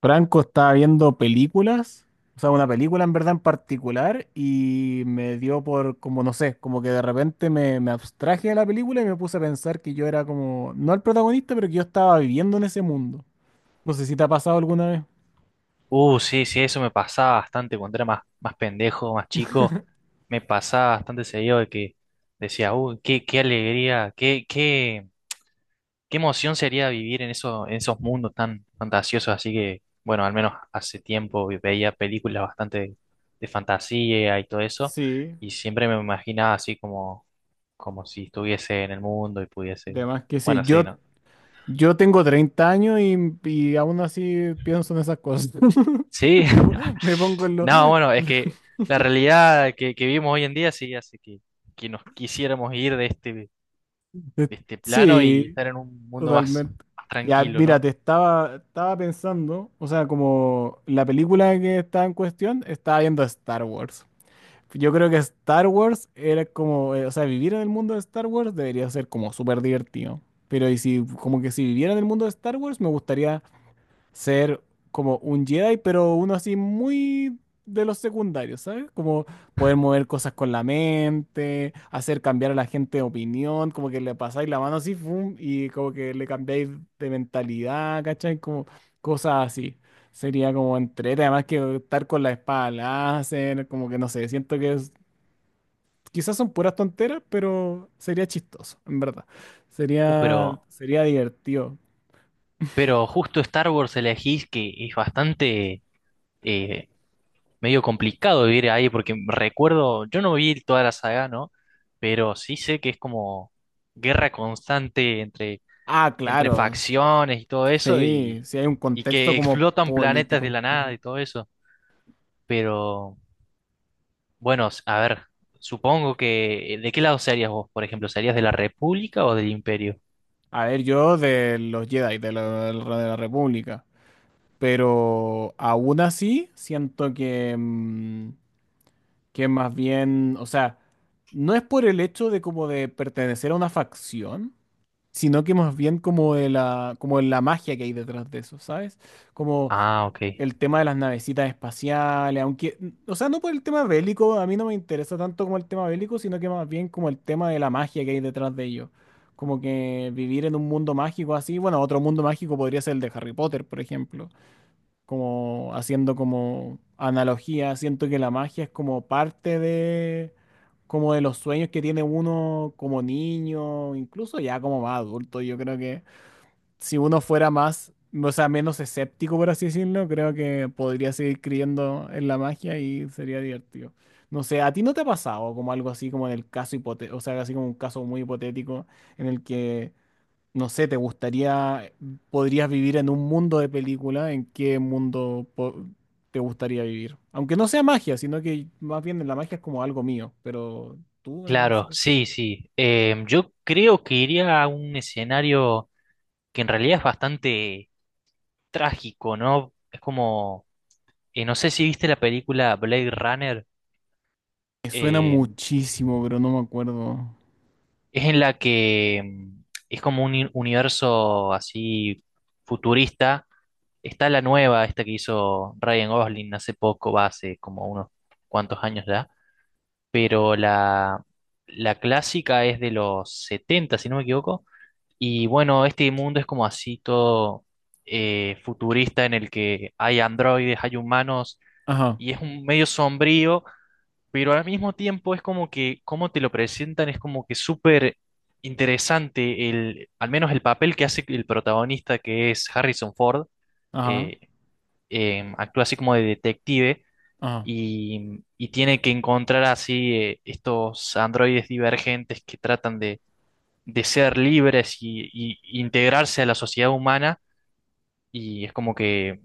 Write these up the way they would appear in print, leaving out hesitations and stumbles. Franco estaba viendo películas, o sea, una película en verdad en particular, y me dio por, como no sé, como que de repente me abstraje de la película y me puse a pensar que yo era como, no el protagonista, pero que yo estaba viviendo en ese mundo. No sé si te ha pasado alguna vez. Sí, sí, eso me pasaba bastante cuando era más pendejo, más chico. Me pasaba bastante seguido de que decía, qué, qué alegría, qué emoción sería vivir en eso, en esos mundos tan fantasiosos. Así que, bueno, al menos hace tiempo veía películas bastante fantasía y todo eso. Sí, Y siempre me imaginaba así como, como si estuviese en el mundo y pudiese. de más que sí. Bueno, sí, Yo, ¿no? yo tengo 30 años y aún así pienso en esas cosas. Sí. Me, po- me pongo en No, en bueno, es que la realidad que vivimos hoy en día sí hace que nos quisiéramos ir de este plano y Sí, estar en un mundo más, totalmente. más Ya, tranquilo, mira, ¿no? te estaba, estaba pensando, o sea, como la película que está en cuestión, estaba viendo Star Wars. Yo creo que Star Wars era como, o sea, vivir en el mundo de Star Wars debería ser como súper divertido. Pero y si, como que si viviera en el mundo de Star Wars, me gustaría ser como un Jedi, pero uno así muy de los secundarios, ¿sabes? Como poder mover cosas con la mente, hacer cambiar a la gente de opinión, como que le pasáis la mano así, fum, y como que le cambiáis de mentalidad, ¿cachai? Como cosas así. Sería como entrete, además que estar con la espada láser, como que no sé, siento que quizás son puras tonteras, pero sería chistoso, en verdad. Uh, Sería, pero, sería divertido. pero justo Star Wars elegís que es bastante eh, medio complicado vivir ahí, porque recuerdo, yo no vi toda la saga, ¿no? Pero sí sé que es como guerra constante entre, Ah, entre claro. facciones y todo eso, Sí, sí hay un y contexto que como explotan planetas de político. la nada Ujú. y todo eso. Pero, bueno, a ver, supongo que... ¿De qué lado serías vos, por ejemplo? ¿Serías de la República o del Imperio? A ver, yo de los Jedi, de la República, pero aún así siento que, que más bien, o sea, no es por el hecho de como de pertenecer a una facción, sino que más bien como de la magia que hay detrás de eso, ¿sabes? Como Ah, ok. el tema de las navecitas espaciales, aunque, o sea, no por el tema bélico, a mí no me interesa tanto como el tema bélico, sino que más bien como el tema de la magia que hay detrás de ello. Como que vivir en un mundo mágico así, bueno, otro mundo mágico podría ser el de Harry Potter, por ejemplo, como haciendo como analogía, siento que la magia es como parte de, como de los sueños que tiene uno como niño, incluso ya como más adulto, yo creo que si uno fuera más, o sea, menos escéptico, por así decirlo, creo que podría seguir creyendo en la magia y sería divertido. No sé, ¿a ti no te ha pasado como algo así, como en el caso hipotético, o sea, así como un caso muy hipotético en el que, no sé, te gustaría, podrías vivir en un mundo de película, ¿en qué te gustaría vivir? Aunque no sea magia, sino que más bien la magia es como algo mío, pero tú en este Claro, caso. sí, sí. Yo creo que iría a un escenario que en realidad es bastante trágico, ¿no? Es como... no sé si viste la película Blade Runner. Me suena em, muchísimo, pero no me acuerdo. es en la que, es como un universo así futurista. Está la nueva, esta que hizo Ryan Gosling hace poco, va hace como unos cuantos años ya, pero la clásica es de los 70, si no me equivoco. Y bueno, este mundo es como así todo futurista, en el que hay androides, hay humanos Ajá, y es un medio sombrío, pero al mismo tiempo es como que, como te lo presentan, es como que súper interesante el, al menos el papel que hace el protagonista, que es Harrison Ford. ajá, eh, Actúa así como de detective ajá. Y tiene que encontrar así estos androides divergentes que tratan de ser libres y integrarse a la sociedad humana. Y es como que,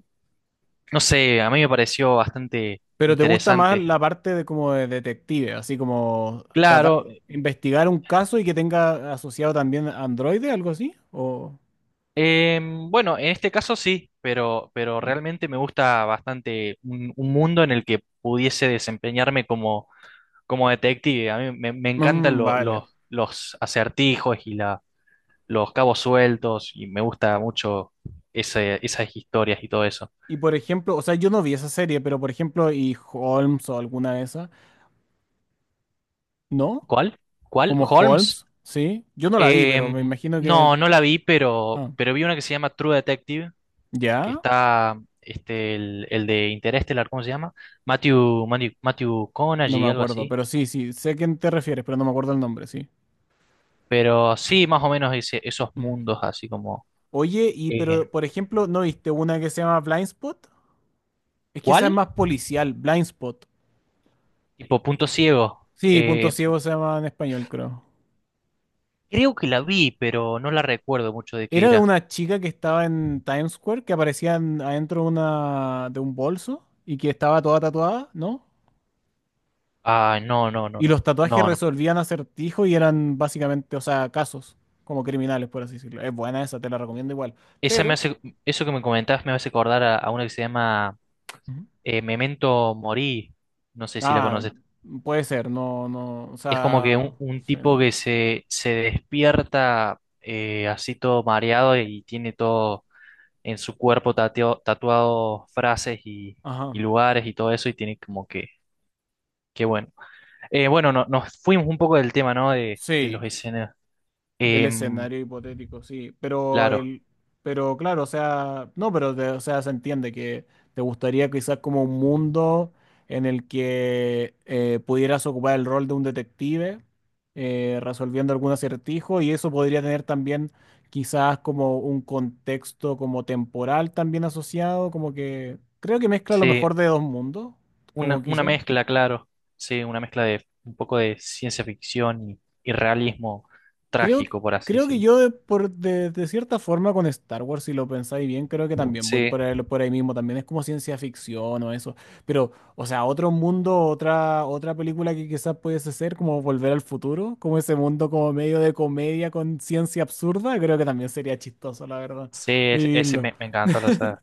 no sé, a mí me pareció bastante Pero te gusta más interesante. la parte de como de detective, así como tratar Claro. de investigar un caso y que tenga asociado también Android, algo así, o Bueno, en este caso sí, pero mm. realmente me gusta bastante un mundo en el que pudiese desempeñarme como, como detective. A mí me encantan Mm, vale. Los acertijos y la los cabos sueltos y me gusta mucho esas historias y todo eso. Y por ejemplo, o sea, yo no vi esa serie, pero por ejemplo, y Holmes o alguna de esas, ¿no? ¿Cuál? ¿Cuál? Como ¿Holmes? Holmes, ¿sí? Yo no la vi, pero Em, me imagino que no, no la vi, ah, pero vi una que se llama True Detective, que ¿ya? está este, el de Interestelar, ¿cómo se llama? Matthew, Matthew, Matthew No me y algo acuerdo, así. pero sí, sí, sé a quién te refieres, pero no me acuerdo el nombre, sí. Pero sí, más o menos esos Ujú. mundos así como... Oye, y eh, pero por ejemplo, ¿no viste una que se llama Blind Spot? Es que esa es ¿cuál? más policial, Blind Spot. Tipo punto ciego. Sí, Punto Ciego se llama en español, creo. Creo que la vi, pero no la recuerdo mucho de qué Era de era. una chica que estaba en Times Square, que aparecía adentro de una, de un bolso y que estaba toda tatuada, ¿no? Ah, no, no, no, Y no. los tatuajes No, no. resolvían acertijos y eran básicamente, o sea, casos como criminales, por así decirlo. Es buena esa, te la recomiendo igual. Esa me Pero, hace, eso que me comentabas me hace acordar a una que se llama ujú. Memento Mori. No sé si la Ah, conoces. puede ser, no, no, o Es como que sea, un sí, tipo no. que se despierta así todo mareado y tiene todo en su cuerpo tatuado frases y Ajá. lugares y todo eso y tiene como que bueno. Bueno, no, nos fuimos un poco del tema, ¿no? De los Sí, escenarios. del Em, escenario hipotético, sí. Pero claro, el, pero claro, o sea, no, pero o sea, se entiende que te gustaría quizás como un mundo en el que pudieras ocupar el rol de un detective resolviendo algún acertijo y eso podría tener también quizás como un contexto como temporal también asociado, como que creo que mezcla lo sí. mejor de dos mundos, como Una quizás. mezcla, claro. Sí, una mezcla de un poco de ciencia ficción y realismo Creo, que- trágico, por así creo que decirlo. yo de, por, de, de cierta forma con Star Wars, si lo pensáis bien, creo que también voy Sí, por ahí mismo, también es como ciencia ficción o eso, pero, o sea, otro mundo, otra, otra película que quizás pudiese ser como Volver al Futuro, como ese mundo como medio de comedia con ciencia absurda, creo que también sería chistoso, la verdad, sí, vivirlo. Me encantó la saga.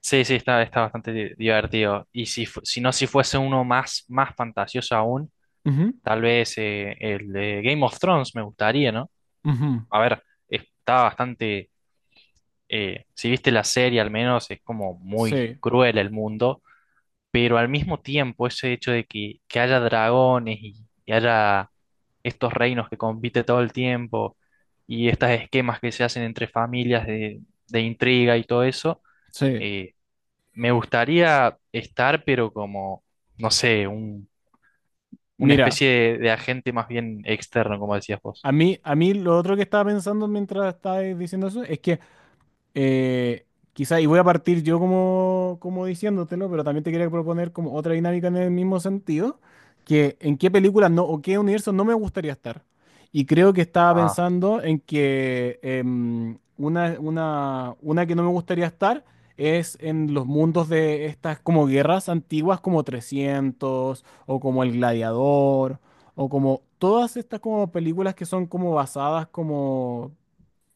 Sí, sí, está, está bastante divertido. Y si, si no, si fuese uno más, más fantasioso aún, Ujú, tal vez el de Game of Thrones me gustaría, ¿no? ujú, A ver, está bastante. Si viste la serie, al menos es como muy sí, cruel el mundo, pero al mismo tiempo, ese hecho de que haya dragones y haya estos reinos que compite todo el tiempo y estos esquemas que se hacen entre familias de intriga y todo eso, sí. eh, me gustaría estar, pero como, no sé, un, una Mira, especie de agente más bien externo, como decías vos. A mí lo otro que estaba pensando mientras estaba diciendo eso es que... Eh, quizá, y voy a partir yo como, como diciéndotelo, pero también te quería proponer como otra dinámica en el mismo sentido, que en qué películas no, o qué universo no me gustaría estar. Y creo que estaba Ah, pensando en que una que no me gustaría estar es en los mundos de estas como guerras antiguas como 300 o como El Gladiador o como todas estas como películas que son como basadas como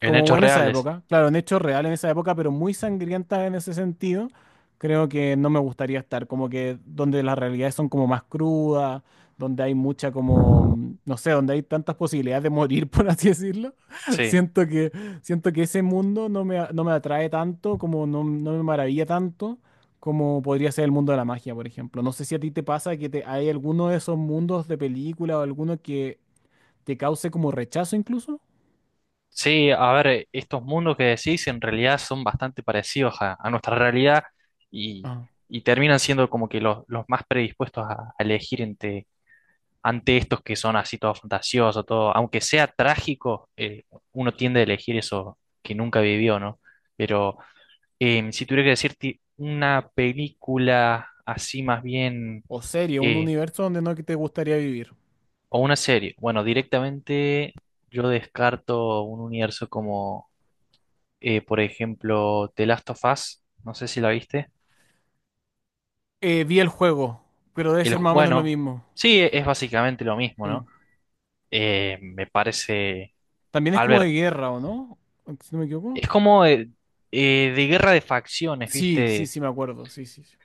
en como hubo hechos en esa reales, época, claro, en hecho real en esa época, pero muy sangrienta en ese sentido, creo que no me gustaría estar, como que donde las realidades son como más crudas, donde hay mucha como, no sé, donde hay tantas posibilidades de morir, por así decirlo. sí. Siento que, siento que ese mundo no me, no me atrae tanto, como no, no me maravilla tanto, como podría ser el mundo de la magia, por ejemplo. No sé si a ti te pasa que te, hay alguno de esos mundos de película o alguno que te cause como rechazo incluso. Sí, a ver, estos mundos que decís en realidad son bastante parecidos a nuestra realidad y, y terminan siendo como que los más predispuestos a elegir entre ante estos que son así todo fantasioso, todo, aunque sea trágico, uno tiende a elegir eso que nunca vivió, ¿no? Pero si tuviera que decirte una película así más bien, O serie, un eh, universo donde no te gustaría vivir. o una serie, bueno, directamente yo descarto un universo como, por ejemplo, The Last of Us, no sé si la viste. Vi el juego, pero debe El, ser más o menos lo bueno, mismo. sí, es básicamente lo mismo, Sí. ¿no? Me parece... También es a como de ver, guerra, ¿o no? Si no me equivoco. es como de guerra de facciones, Sí, sí, ¿viste? sí, me acuerdo. Sí, sí, sí.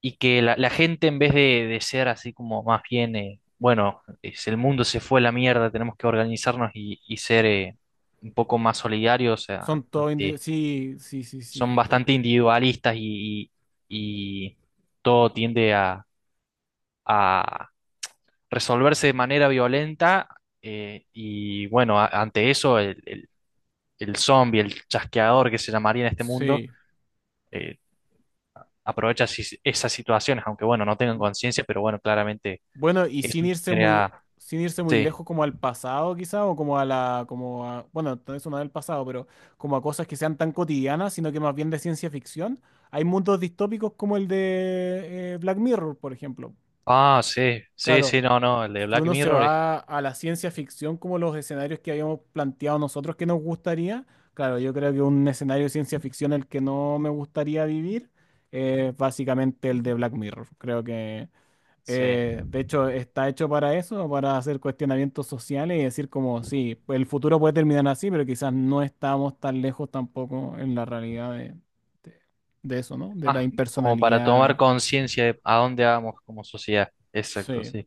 Y que la gente en vez de ser así como más bien, bueno, es, el mundo se fue a la mierda, tenemos que organizarnos y ser un poco más solidarios, Son todos ante- sí, sí, sí, son sí, bastante individualistas y, y todo tiende a resolverse de manera violenta. Y bueno, ante eso, el zombie, el chasqueador que se llamaría en este mundo sí. eh, aprovecha esas situaciones, aunque bueno, no tengan conciencia, pero bueno, claramente Bueno, y sin eso irse muy, crea... sin irse muy Sí. lejos como al pasado, quizá, o como a la, como a, bueno, eso no es del pasado, pero como a cosas que sean tan cotidianas, sino que más bien de ciencia ficción. Hay mundos distópicos como el de Black Mirror, por ejemplo. Ah, sí, sí, sí, Claro, no, no, el de si Black uno se Mirror es... va a la ciencia ficción como los escenarios que habíamos planteado nosotros que nos gustaría, claro, yo creo que un escenario de ciencia ficción el que no me gustaría vivir es básicamente el de Black Mirror. Creo que, Sí. De hecho, está hecho para eso, para hacer cuestionamientos sociales y decir como, sí, el futuro puede terminar así, pero quizás no estamos tan lejos tampoco en la realidad de de eso, ¿no? De la Más como para tomar impersonalidad, conciencia de a dónde vamos como sociedad. Exacto, sí. sí.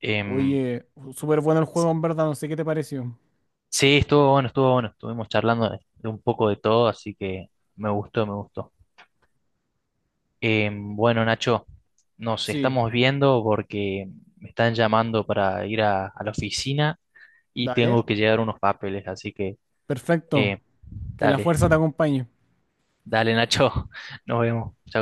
Em, Oye, súper bueno el juego, en verdad, no sé qué te pareció. sí, estuvo bueno, estuvo bueno. Estuvimos charlando de un poco de todo, así que me gustó, me gustó. Bueno, Nacho, nos Sí, estamos viendo porque me están llamando para ir a la oficina y dale. tengo que llevar unos papeles, así que... Eh, Perfecto. Que la dale, fuerza te acompañe. dale Nacho, nos vemos. Chao.